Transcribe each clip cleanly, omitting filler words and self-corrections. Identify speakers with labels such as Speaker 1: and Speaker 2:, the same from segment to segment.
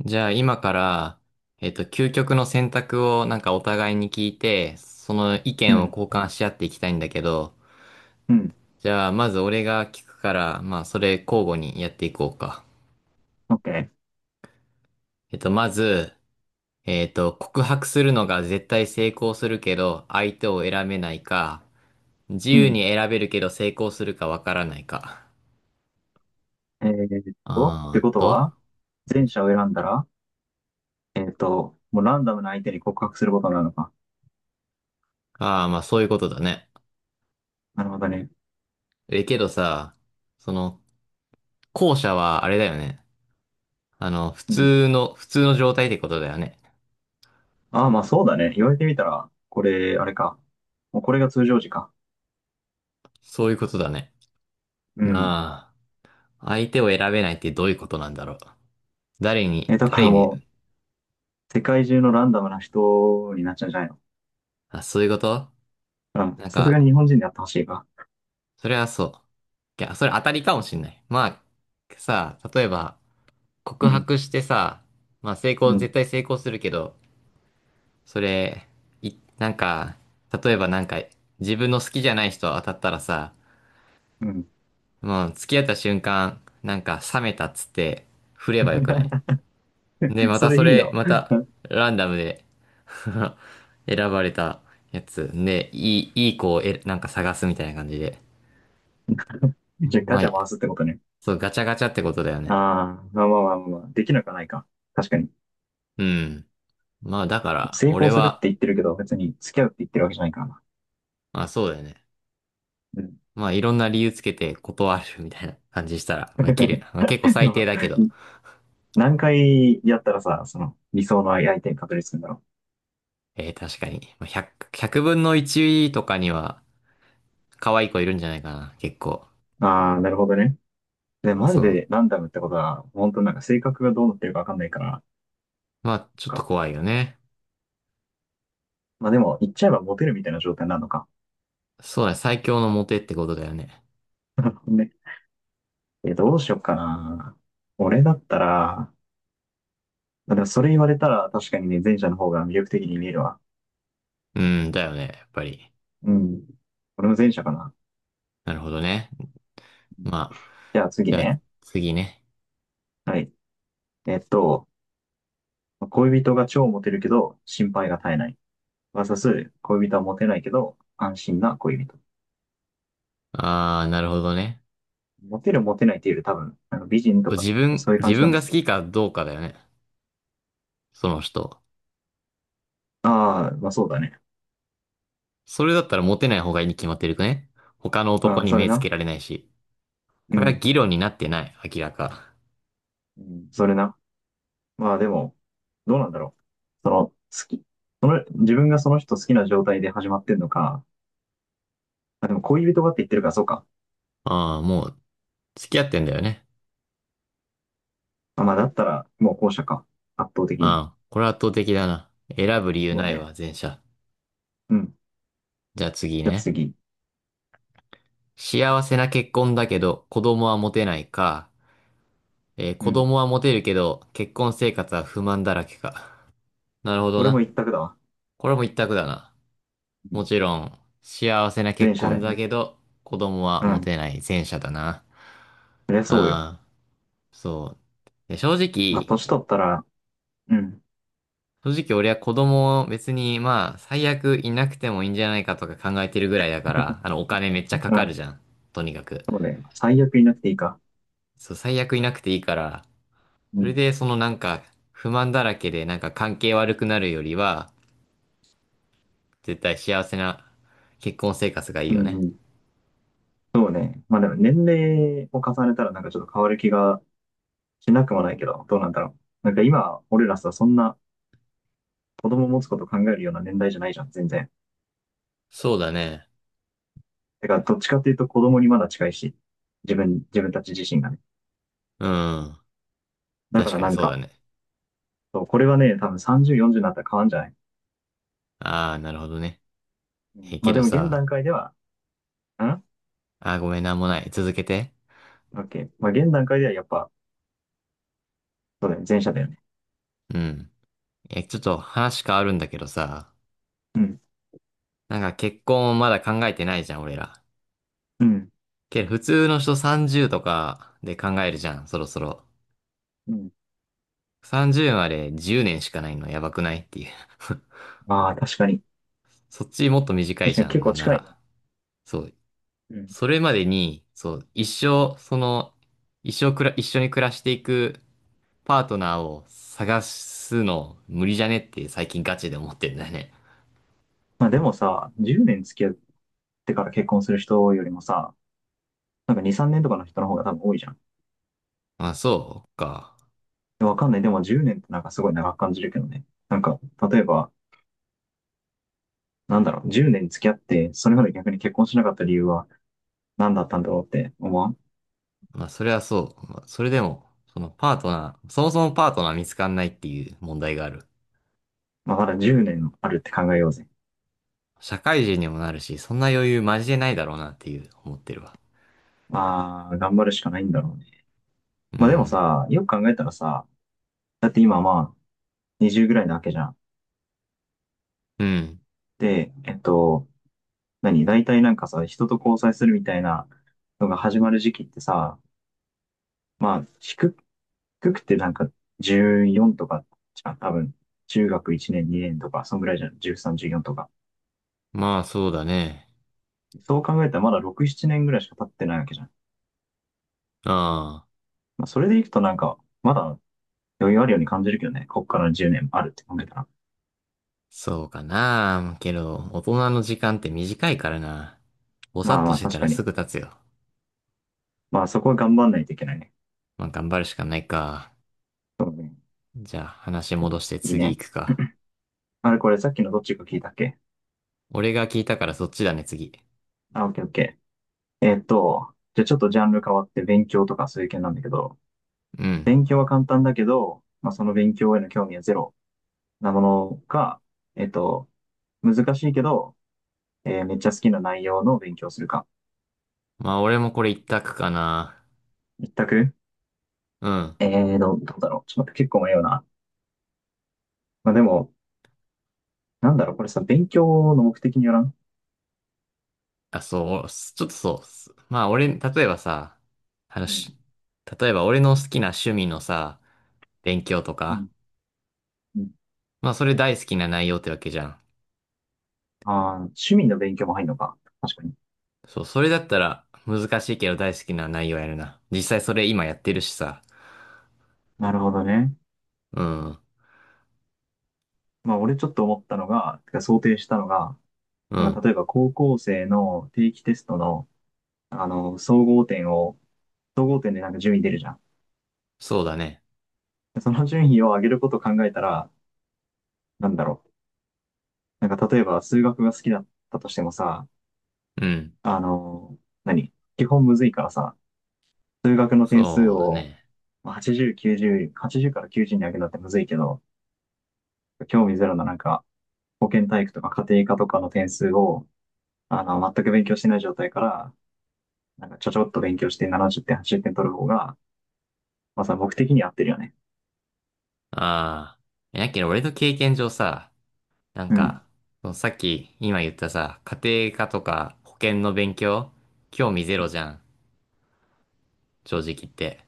Speaker 1: じゃあ今から、究極の選択をなんかお互いに聞いて、その意
Speaker 2: う
Speaker 1: 見を
Speaker 2: ん、
Speaker 1: 交換し合っていきたいんだけど、
Speaker 2: うん、
Speaker 1: じゃあまず俺が聞くから、まあそれ交互にやっていこうか。
Speaker 2: オッケー。
Speaker 1: えっと、まず、えっと、告白するのが絶対成功するけど、相手を選べないか、自
Speaker 2: う
Speaker 1: 由
Speaker 2: ん。
Speaker 1: に選べるけど成功するかわからないか。
Speaker 2: って
Speaker 1: あ
Speaker 2: こ
Speaker 1: ー
Speaker 2: と
Speaker 1: と、
Speaker 2: は、前者を選んだら、もうランダムな相手に告白することになるのか。
Speaker 1: ああ、まあそういうことだね。
Speaker 2: なるほどね。
Speaker 1: え、けどさ、その、後者はあれだよね。あの、
Speaker 2: うん。
Speaker 1: 普通の状態ってことだよね。
Speaker 2: ああ、まあそうだね。言われてみたら、これ、あれか。もうこれが通常時か。
Speaker 1: そういうことだね。
Speaker 2: うん。
Speaker 1: なあ、相手を選べないってどういうことなんだろう。
Speaker 2: え、だか
Speaker 1: 誰
Speaker 2: ら
Speaker 1: に、
Speaker 2: もう、世界中のランダムな人になっちゃうんじゃないの？
Speaker 1: あ、そういうこと
Speaker 2: うん。
Speaker 1: なん
Speaker 2: さすがに
Speaker 1: か、
Speaker 2: 日本人でやってほしいか。
Speaker 1: それはそう。いや、それ当たりかもしんない。まあ、さ、例えば、
Speaker 2: う
Speaker 1: 告
Speaker 2: ん、
Speaker 1: 白してさ、まあ
Speaker 2: うん、
Speaker 1: 絶対成功するけど、それ、なんか、例えばなんか、自分の好きじゃない人当たったらさ、
Speaker 2: うん。
Speaker 1: もう付き合った瞬間、なんか冷めたっつって、振ればよくない。 で、ま
Speaker 2: そ
Speaker 1: た
Speaker 2: れ
Speaker 1: そ
Speaker 2: いい
Speaker 1: れ、
Speaker 2: な。
Speaker 1: また、ランダムで 選ばれたやつ。で、いい子をなんか探すみたいな感じで。
Speaker 2: じゃあガ
Speaker 1: まあ、
Speaker 2: チャ回すってことね。
Speaker 1: そう、ガチャガチャってことだよね。
Speaker 2: ああ、まあまあまあまあ、できなくはないか。確かに。
Speaker 1: うん。まあ、だから、
Speaker 2: 成
Speaker 1: 俺
Speaker 2: 功するっ
Speaker 1: は、
Speaker 2: て言ってるけど、別に付き合うって言ってるわけじゃないからな。
Speaker 1: まあ、そうだよね。
Speaker 2: うん。
Speaker 1: まあ、いろんな理由つけて断るみたいな感じしたら、まあ、いけるよな。まあ、結構
Speaker 2: で
Speaker 1: 最低
Speaker 2: も、
Speaker 1: だけど。
Speaker 2: 何回やったらさ、その理想の相手に確立するんだろ
Speaker 1: 確かに。まあ、100分の1とかには、可愛い子いるんじゃないかな、結構。
Speaker 2: う。ああ、なるほどね。で、マジ
Speaker 1: そう。
Speaker 2: でランダムってことは、本当なんか性格がどうなってるかわかんないから、
Speaker 1: まあ、ちょっと
Speaker 2: か。
Speaker 1: 怖いよね。
Speaker 2: まあでも、言っちゃえばモテるみたいな状態になるのか。
Speaker 1: そうだね、最強のモテってことだよね。
Speaker 2: ね。え、どうしよっかな。俺だったら、まあ、でもそれ言われたら確かにね、前者の方が魅力的に見えるわ。
Speaker 1: うん、だよね、やっぱり。
Speaker 2: うん。俺も前者かな。
Speaker 1: なるほどね。まあ、
Speaker 2: じゃあ次
Speaker 1: じゃあ
Speaker 2: ね。
Speaker 1: 次ね。
Speaker 2: はい。えっと、恋人が超モテるけど、心配が絶えない。恋人はモテないけど、安心な恋人。
Speaker 1: ああ、なるほどね。
Speaker 2: モテるモテないっていうより多分、あの美人とか、そういう感
Speaker 1: 自
Speaker 2: じな
Speaker 1: 分
Speaker 2: んだ
Speaker 1: が
Speaker 2: ろ
Speaker 1: 好
Speaker 2: うね。
Speaker 1: きかどうかだよね。その人。
Speaker 2: ああ、まあそうだね。
Speaker 1: それだったらモテない方がいいに決まってるくね。他の男
Speaker 2: うん、
Speaker 1: に
Speaker 2: それ
Speaker 1: 目つけ
Speaker 2: な。
Speaker 1: られないし。
Speaker 2: う
Speaker 1: これは
Speaker 2: ん。
Speaker 1: 議論になってない、明らか。
Speaker 2: うん、それな。まあでも、どうなんだろう。その、好き。その、自分がその人好きな状態で始まってんのか。まあ、でも恋人がって言ってるから、そうか。
Speaker 1: ああ、もう、付き合ってんだよね。
Speaker 2: まあまあだったら、もう後者か。圧倒的に。
Speaker 1: ああ、これは圧倒的だな。選ぶ理由
Speaker 2: もう
Speaker 1: ない
Speaker 2: ね。
Speaker 1: わ、前者。
Speaker 2: うん。
Speaker 1: じゃあ次
Speaker 2: じゃあ
Speaker 1: ね。
Speaker 2: 次。
Speaker 1: 幸せな結婚だけど、子供は持てないか。
Speaker 2: う
Speaker 1: 子
Speaker 2: ん。
Speaker 1: 供はモテるけど、結婚生活は不満だらけか。なるほど
Speaker 2: これも
Speaker 1: な。
Speaker 2: 一択だわ。
Speaker 1: これも一択だな。
Speaker 2: う
Speaker 1: も
Speaker 2: ん。
Speaker 1: ちろん、幸せな結
Speaker 2: 前者だ
Speaker 1: 婚
Speaker 2: よ
Speaker 1: だ
Speaker 2: ね。
Speaker 1: けど、子供は
Speaker 2: う
Speaker 1: モテ
Speaker 2: ん。
Speaker 1: ない前者だな。
Speaker 2: そりゃ
Speaker 1: う
Speaker 2: そうよ。
Speaker 1: ん。そう。で、
Speaker 2: まあ、年取ったら、うん、
Speaker 1: 正直俺は子供を別に、まあ、最悪いなくてもいいんじゃないかとか考えてるぐらいだから、あの、お金めっちゃか
Speaker 2: う
Speaker 1: かる
Speaker 2: ん、
Speaker 1: じゃん。とにかく。
Speaker 2: そうね。最悪いなくていいか。
Speaker 1: そう、最悪いなくていいから、
Speaker 2: う
Speaker 1: それ
Speaker 2: ん、
Speaker 1: でそのなんか、不満だらけでなんか関係悪くなるよりは、絶対幸せな結婚生活がいい
Speaker 2: うん、
Speaker 1: よね。
Speaker 2: うん。そうね。まあでも年齢を重ねたらなんかちょっと変わる気がしなくもないけど、どうなんだろう。なんか今、俺らさ、そんな子供持つこと考えるような年代じゃないじゃん、全然。
Speaker 1: そうだね。
Speaker 2: だからどっちかっていうと子供にまだ近いし、自分たち自身がね。
Speaker 1: うん。
Speaker 2: だか
Speaker 1: 確
Speaker 2: ら
Speaker 1: か
Speaker 2: な
Speaker 1: に
Speaker 2: ん
Speaker 1: そうだ
Speaker 2: か、
Speaker 1: ね。
Speaker 2: そう、これはね、多分30、40になったら変わんじゃない。
Speaker 1: ああ、なるほどね。
Speaker 2: うん、
Speaker 1: え、
Speaker 2: ま
Speaker 1: け
Speaker 2: あで
Speaker 1: ど
Speaker 2: も現
Speaker 1: さ、
Speaker 2: 段階では、ん、
Speaker 1: ああ、ごめん、なんもない。続けて。
Speaker 2: OK。まあ現段階ではやっぱ、そうだよね、前者だよね。
Speaker 1: うん。え、ちょっと話変わるんだけどさ、
Speaker 2: うん、
Speaker 1: なんか結婚をまだ考えてないじゃん、俺ら。
Speaker 2: うん、
Speaker 1: けど普通の人30とかで考えるじゃん、そろそろ。
Speaker 2: うん。
Speaker 1: 30まで10年しかないのやばくないっていう。
Speaker 2: ああ、確かに。
Speaker 1: そっちもっと短い
Speaker 2: 確か
Speaker 1: じ
Speaker 2: に
Speaker 1: ゃ
Speaker 2: 結
Speaker 1: ん、な
Speaker 2: 構
Speaker 1: んな
Speaker 2: 近いね。
Speaker 1: ら。そう、
Speaker 2: うん。
Speaker 1: それまでに、そう、一生、その、一緒に暮らしていくパートナーを探すの無理じゃねって最近ガチで思ってんだよね。
Speaker 2: まあでもさ、10年付き合ってから結婚する人よりもさ、なんか2、3年とかの人の方が多分多いじゃん。
Speaker 1: まあ、そうか。
Speaker 2: でわかんない。でも10年ってなんかすごい長く感じるけどね。なんか、例えば、なんだろう、10年付き合って、それまで逆に結婚しなかった理由は何だったんだろうって思わん？
Speaker 1: まあ、それはそう。まあそれでも、そのパートナー、そもそもパートナー見つかんないっていう問題がある。
Speaker 2: まあまだ10年あるって考えようぜ。
Speaker 1: 社会人にもなるし、そんな余裕マジでないだろうなっていう思ってるわ。
Speaker 2: まあ、頑張るしかないんだろうね。
Speaker 1: う
Speaker 2: まあでも
Speaker 1: ん。
Speaker 2: さ、よく考えたらさ、だって今まあ、20ぐらいなわけじゃん。
Speaker 1: うん。
Speaker 2: で、何大体なんかさ、人と交際するみたいなのが始まる時期ってさ、まあ、低くてなんか14とかじゃん、多分。中学1年、2年とか、そんぐらいじゃん。13、14とか。
Speaker 1: まあ、そうだね。
Speaker 2: そう考えたらまだ6、7年ぐらいしか経ってないわけじゃん。
Speaker 1: ああ。
Speaker 2: まあ、それでいくとなんか、まだ余裕あるように感じるけどね。こっから10年あるって考えたら。
Speaker 1: そうかな。けど、大人の時間って短いからな。ぼさ
Speaker 2: ま
Speaker 1: っ
Speaker 2: あ
Speaker 1: と
Speaker 2: ま
Speaker 1: し
Speaker 2: あ、
Speaker 1: て
Speaker 2: 確
Speaker 1: たら
Speaker 2: か
Speaker 1: す
Speaker 2: に。
Speaker 1: ぐ経つよ。
Speaker 2: まあ、そこは頑張んないといけないね。
Speaker 1: まあ、頑張るしかないか。
Speaker 2: そうね。
Speaker 1: じゃあ、話戻して
Speaker 2: いい
Speaker 1: 次行
Speaker 2: ね。
Speaker 1: くか。
Speaker 2: あれ、これさっきのどっちか聞いたっけ？
Speaker 1: 俺が聞いたからそっちだね、次。
Speaker 2: あ、オッケーオッケー。じゃあちょっとジャンル変わって勉強とかそういう系なんだけど、
Speaker 1: うん。
Speaker 2: 勉強は簡単だけど、まあ、その勉強への興味はゼロなものか、えっと、難しいけど、めっちゃ好きな内容の勉強をするか。
Speaker 1: まあ、俺もこれ一択かな。
Speaker 2: 一択。
Speaker 1: うん。
Speaker 2: どうだろう。ちょっと待って、結構迷うな。まあ、でも、なんだろう、これさ、勉強の目的によらん？
Speaker 1: あ、そう、ちょっとそう。まあ、俺、例えばさ、
Speaker 2: うん。
Speaker 1: 話、例えば俺の好きな趣味のさ、勉強と
Speaker 2: う
Speaker 1: か、
Speaker 2: ん。うん。
Speaker 1: まあ、それ大好きな内容ってわけじゃん。
Speaker 2: あー、趣味の勉強も入るのか。確かに。
Speaker 1: そう、それだったら難しいけど大好きな内容やるな。実際それ今やってるしさ。
Speaker 2: なるほどね。
Speaker 1: うん、
Speaker 2: まあ、俺ちょっと思ったのが、てか想定したのが、
Speaker 1: う
Speaker 2: なんか
Speaker 1: ん、
Speaker 2: 例えば高校生の定期テストのあの、総合点でなんか順位出るじゃん。
Speaker 1: そうだね。
Speaker 2: その順位を上げることを考えたら、なんだろう。なんか例えば数学が好きだったとしてもさ、
Speaker 1: うん、
Speaker 2: あの、何基本むずいからさ、数学の点数
Speaker 1: そうだ
Speaker 2: を
Speaker 1: ね。
Speaker 2: まあ80、90、80から90に上げるのってむずいけど、興味ゼロのなんか保健体育とか家庭科とかの点数を、あの、全く勉強してない状態から、なんかちょっと勉強して70点、80点取る方が、まあさ、僕的に合ってるよね。
Speaker 1: ああ、やけど俺の経験上さ、なん
Speaker 2: うん。
Speaker 1: か、そのさっき今言ったさ、家庭科とか保険の勉強、興味ゼロじゃん、正直言って。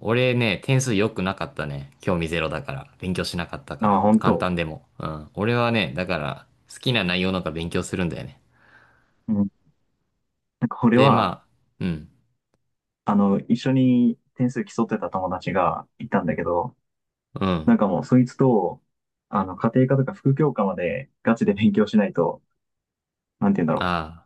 Speaker 1: 俺ね、点数良くなかったね。興味ゼロだから。勉強しなかったか
Speaker 2: あ
Speaker 1: ら。
Speaker 2: あ、本
Speaker 1: 簡
Speaker 2: 当。
Speaker 1: 単でも。うん。俺はね、だから、好きな内容なんか勉強するんだよね。
Speaker 2: うん。なんかこれ
Speaker 1: で、
Speaker 2: は、
Speaker 1: まあ、うん。
Speaker 2: あの、一緒に点数競ってた友達がいたんだけど、
Speaker 1: う
Speaker 2: なん
Speaker 1: ん。
Speaker 2: かもうそいつと、あの、家庭科とか副教科までガチで勉強しないと、なんて言うんだろう、
Speaker 1: あ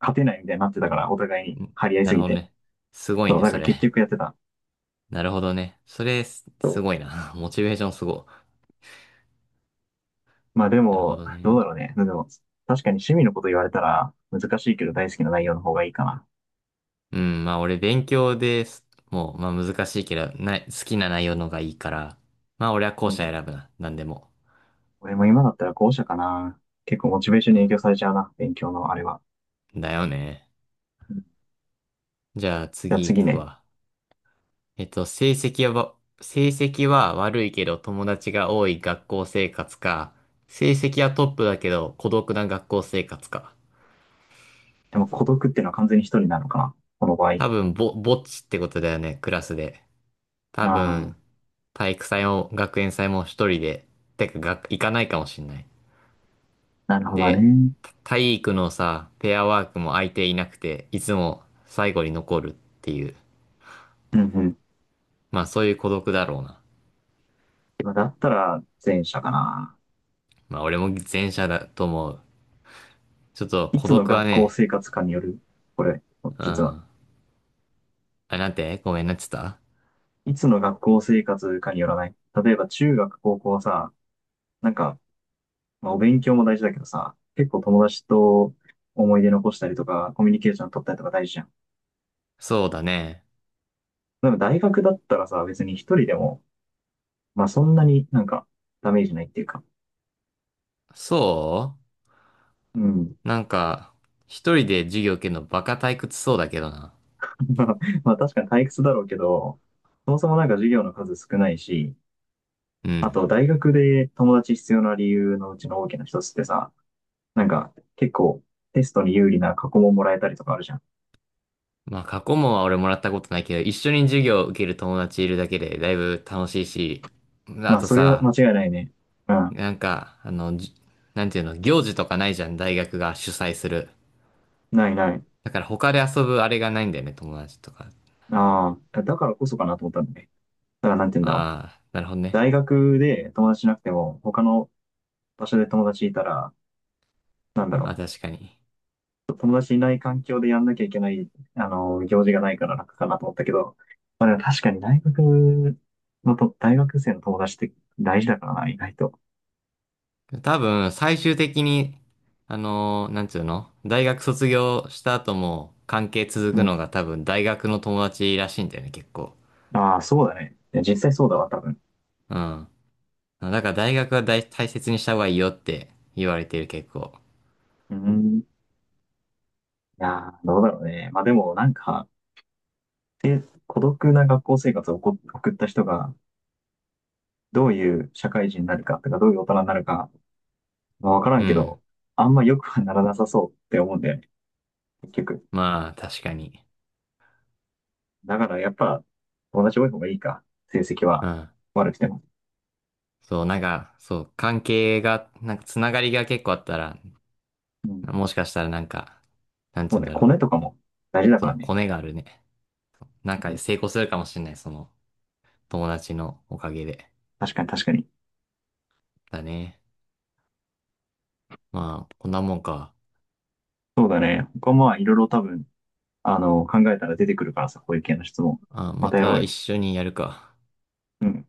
Speaker 2: 勝てないみたいになってたから、お互い
Speaker 1: あ、
Speaker 2: に
Speaker 1: ん
Speaker 2: 張り合 い
Speaker 1: な
Speaker 2: す
Speaker 1: るほ
Speaker 2: ぎ
Speaker 1: ど
Speaker 2: て。
Speaker 1: ね。すごい
Speaker 2: そう、
Speaker 1: ね、
Speaker 2: だか
Speaker 1: そ
Speaker 2: ら結
Speaker 1: れ。
Speaker 2: 局やってた。
Speaker 1: なるほどね。それす、すごいな。モチベーションすご
Speaker 2: まあで
Speaker 1: い。なるほ
Speaker 2: も、
Speaker 1: ど
Speaker 2: どう
Speaker 1: ね。
Speaker 2: だろうね。でも、確かに趣味のこと言われたら、難しいけど大好きな内容の方がいいかな。
Speaker 1: うん、まあ俺勉強です。もう、まあ難しいけど、な、好きな内容のがいいから、まあ俺は後
Speaker 2: う
Speaker 1: 者
Speaker 2: ん。
Speaker 1: 選ぶな。なんでも。
Speaker 2: 俺も今だったら後者かな。結構モチベーションに
Speaker 1: あ、
Speaker 2: 影響されちゃうな、勉強のあれは。
Speaker 1: だよね。
Speaker 2: うん。じ
Speaker 1: じゃあ
Speaker 2: ゃあ
Speaker 1: 次行
Speaker 2: 次
Speaker 1: く
Speaker 2: ね。
Speaker 1: わ。えっと、成績は、成績は悪いけど友達が多い学校生活か、成績はトップだけど孤独な学校生活か。
Speaker 2: でも孤独っていうのは完全に一人なのかな、この場合。あ
Speaker 1: 多分ぼっちってことだよね、クラスで。多
Speaker 2: あ。
Speaker 1: 分、体育祭も学園祭も一人で、てか学、行かないかもしんない。
Speaker 2: なるほど
Speaker 1: で、
Speaker 2: ね。
Speaker 1: 体育のさ、ペアワークも相手いなくて、いつも最後に残るっていう。
Speaker 2: うんうん。
Speaker 1: まあそういう孤独だろうな。
Speaker 2: まあだったら前者かな。
Speaker 1: まあ俺も前者だと思う。ちょっと
Speaker 2: い
Speaker 1: 孤
Speaker 2: つの
Speaker 1: 独は
Speaker 2: 学校
Speaker 1: ね、
Speaker 2: 生活かによる。これ、
Speaker 1: う
Speaker 2: 実は。
Speaker 1: ん。あ、なんてごめんなっちゃった
Speaker 2: いつの学校生活かによらない。例えば中学、高校はさ、なんか、まあ、お勉強も大事だけどさ、結構友達と思い出残したりとか、コミュニケーション取ったりとか大事じゃん。
Speaker 1: そうだね。
Speaker 2: でも大学だったらさ、別に一人でも、まあそんなになんかダメージないっていうか。
Speaker 1: そ
Speaker 2: うん。
Speaker 1: うなんか、一人で授業受けるのバカ退屈そうだけどな。
Speaker 2: まあ確かに退屈だろうけど、そもそもなんか授業の数少ないし、
Speaker 1: う
Speaker 2: あ
Speaker 1: ん。
Speaker 2: と、大学で友達必要な理由のうちの大きな一つってさ、なんか結構テストに有利な過去問もらえたりとかあるじゃん。
Speaker 1: まあ、過去問は俺もらったことないけど、一緒に授業を受ける友達いるだけでだいぶ楽しいし、あ
Speaker 2: まあ、
Speaker 1: と
Speaker 2: それは
Speaker 1: さ、
Speaker 2: 間違いないね。うん。
Speaker 1: なんか、あの、なんていうの、行事とかないじゃん、大学が主催する。
Speaker 2: ないない。
Speaker 1: だから他で遊ぶあれがないんだよね、友達とか。
Speaker 2: ああ、だからこそかなと思ったんだね。だからなんて言うんだろう。
Speaker 1: ああ、なるほどね。
Speaker 2: 大学で友達いなくても、他の場所で友達いたら、なんだ
Speaker 1: ああ、
Speaker 2: ろ
Speaker 1: 確かに。
Speaker 2: う。友達いない環境でやんなきゃいけない、あの、行事がないから楽かなと思ったけど、まあでも確かに大学のと、大学生の友達って大事だからな、意外と。
Speaker 1: 多分、最終的に、なんていうの、大学卒業した後も関係続
Speaker 2: う
Speaker 1: くの
Speaker 2: ん。
Speaker 1: が多分大学の友達らしいんだよね、結構。
Speaker 2: ああ、そうだね。いや実際そうだわ、多分。
Speaker 1: うん。だから大学は大切にした方がいいよって言われてる結構。
Speaker 2: うん。いやー、どうだろうね。まあでも、なんか、で孤独な学校生活を送った人が、どういう社会人になるかとか、どういう大人になるか、まあ、わから
Speaker 1: う
Speaker 2: んけ
Speaker 1: ん。
Speaker 2: ど、あんま良くはならなさそうって思うんだよね、結局。
Speaker 1: まあ、確かに。
Speaker 2: だからやっぱ、友達多い方がいいか。成績
Speaker 1: う
Speaker 2: は
Speaker 1: ん。
Speaker 2: 悪くても。
Speaker 1: そう、なんか、そう、関係が、なんかつながりが結構あったら、
Speaker 2: うん。
Speaker 1: もしかしたらなんか、なんつ
Speaker 2: そ
Speaker 1: う
Speaker 2: う
Speaker 1: ん
Speaker 2: ね、
Speaker 1: だろ
Speaker 2: コ
Speaker 1: う。
Speaker 2: ネとかも大事だ
Speaker 1: そ
Speaker 2: から
Speaker 1: う、
Speaker 2: ね。
Speaker 1: コネがあるね。なん
Speaker 2: う
Speaker 1: か
Speaker 2: ん。
Speaker 1: 成功するかもしれない、その友達のおかげで。
Speaker 2: 確かに確かに。
Speaker 1: だね。まあ、こんなもんか。
Speaker 2: そうだね。他もまあいろいろ多分、あの、考えたら出てくるからさ、こういう系の質問。
Speaker 1: あ、
Speaker 2: ま
Speaker 1: ま
Speaker 2: たやろ
Speaker 1: た
Speaker 2: う
Speaker 1: 一
Speaker 2: よ。
Speaker 1: 緒にやるか。
Speaker 2: うん。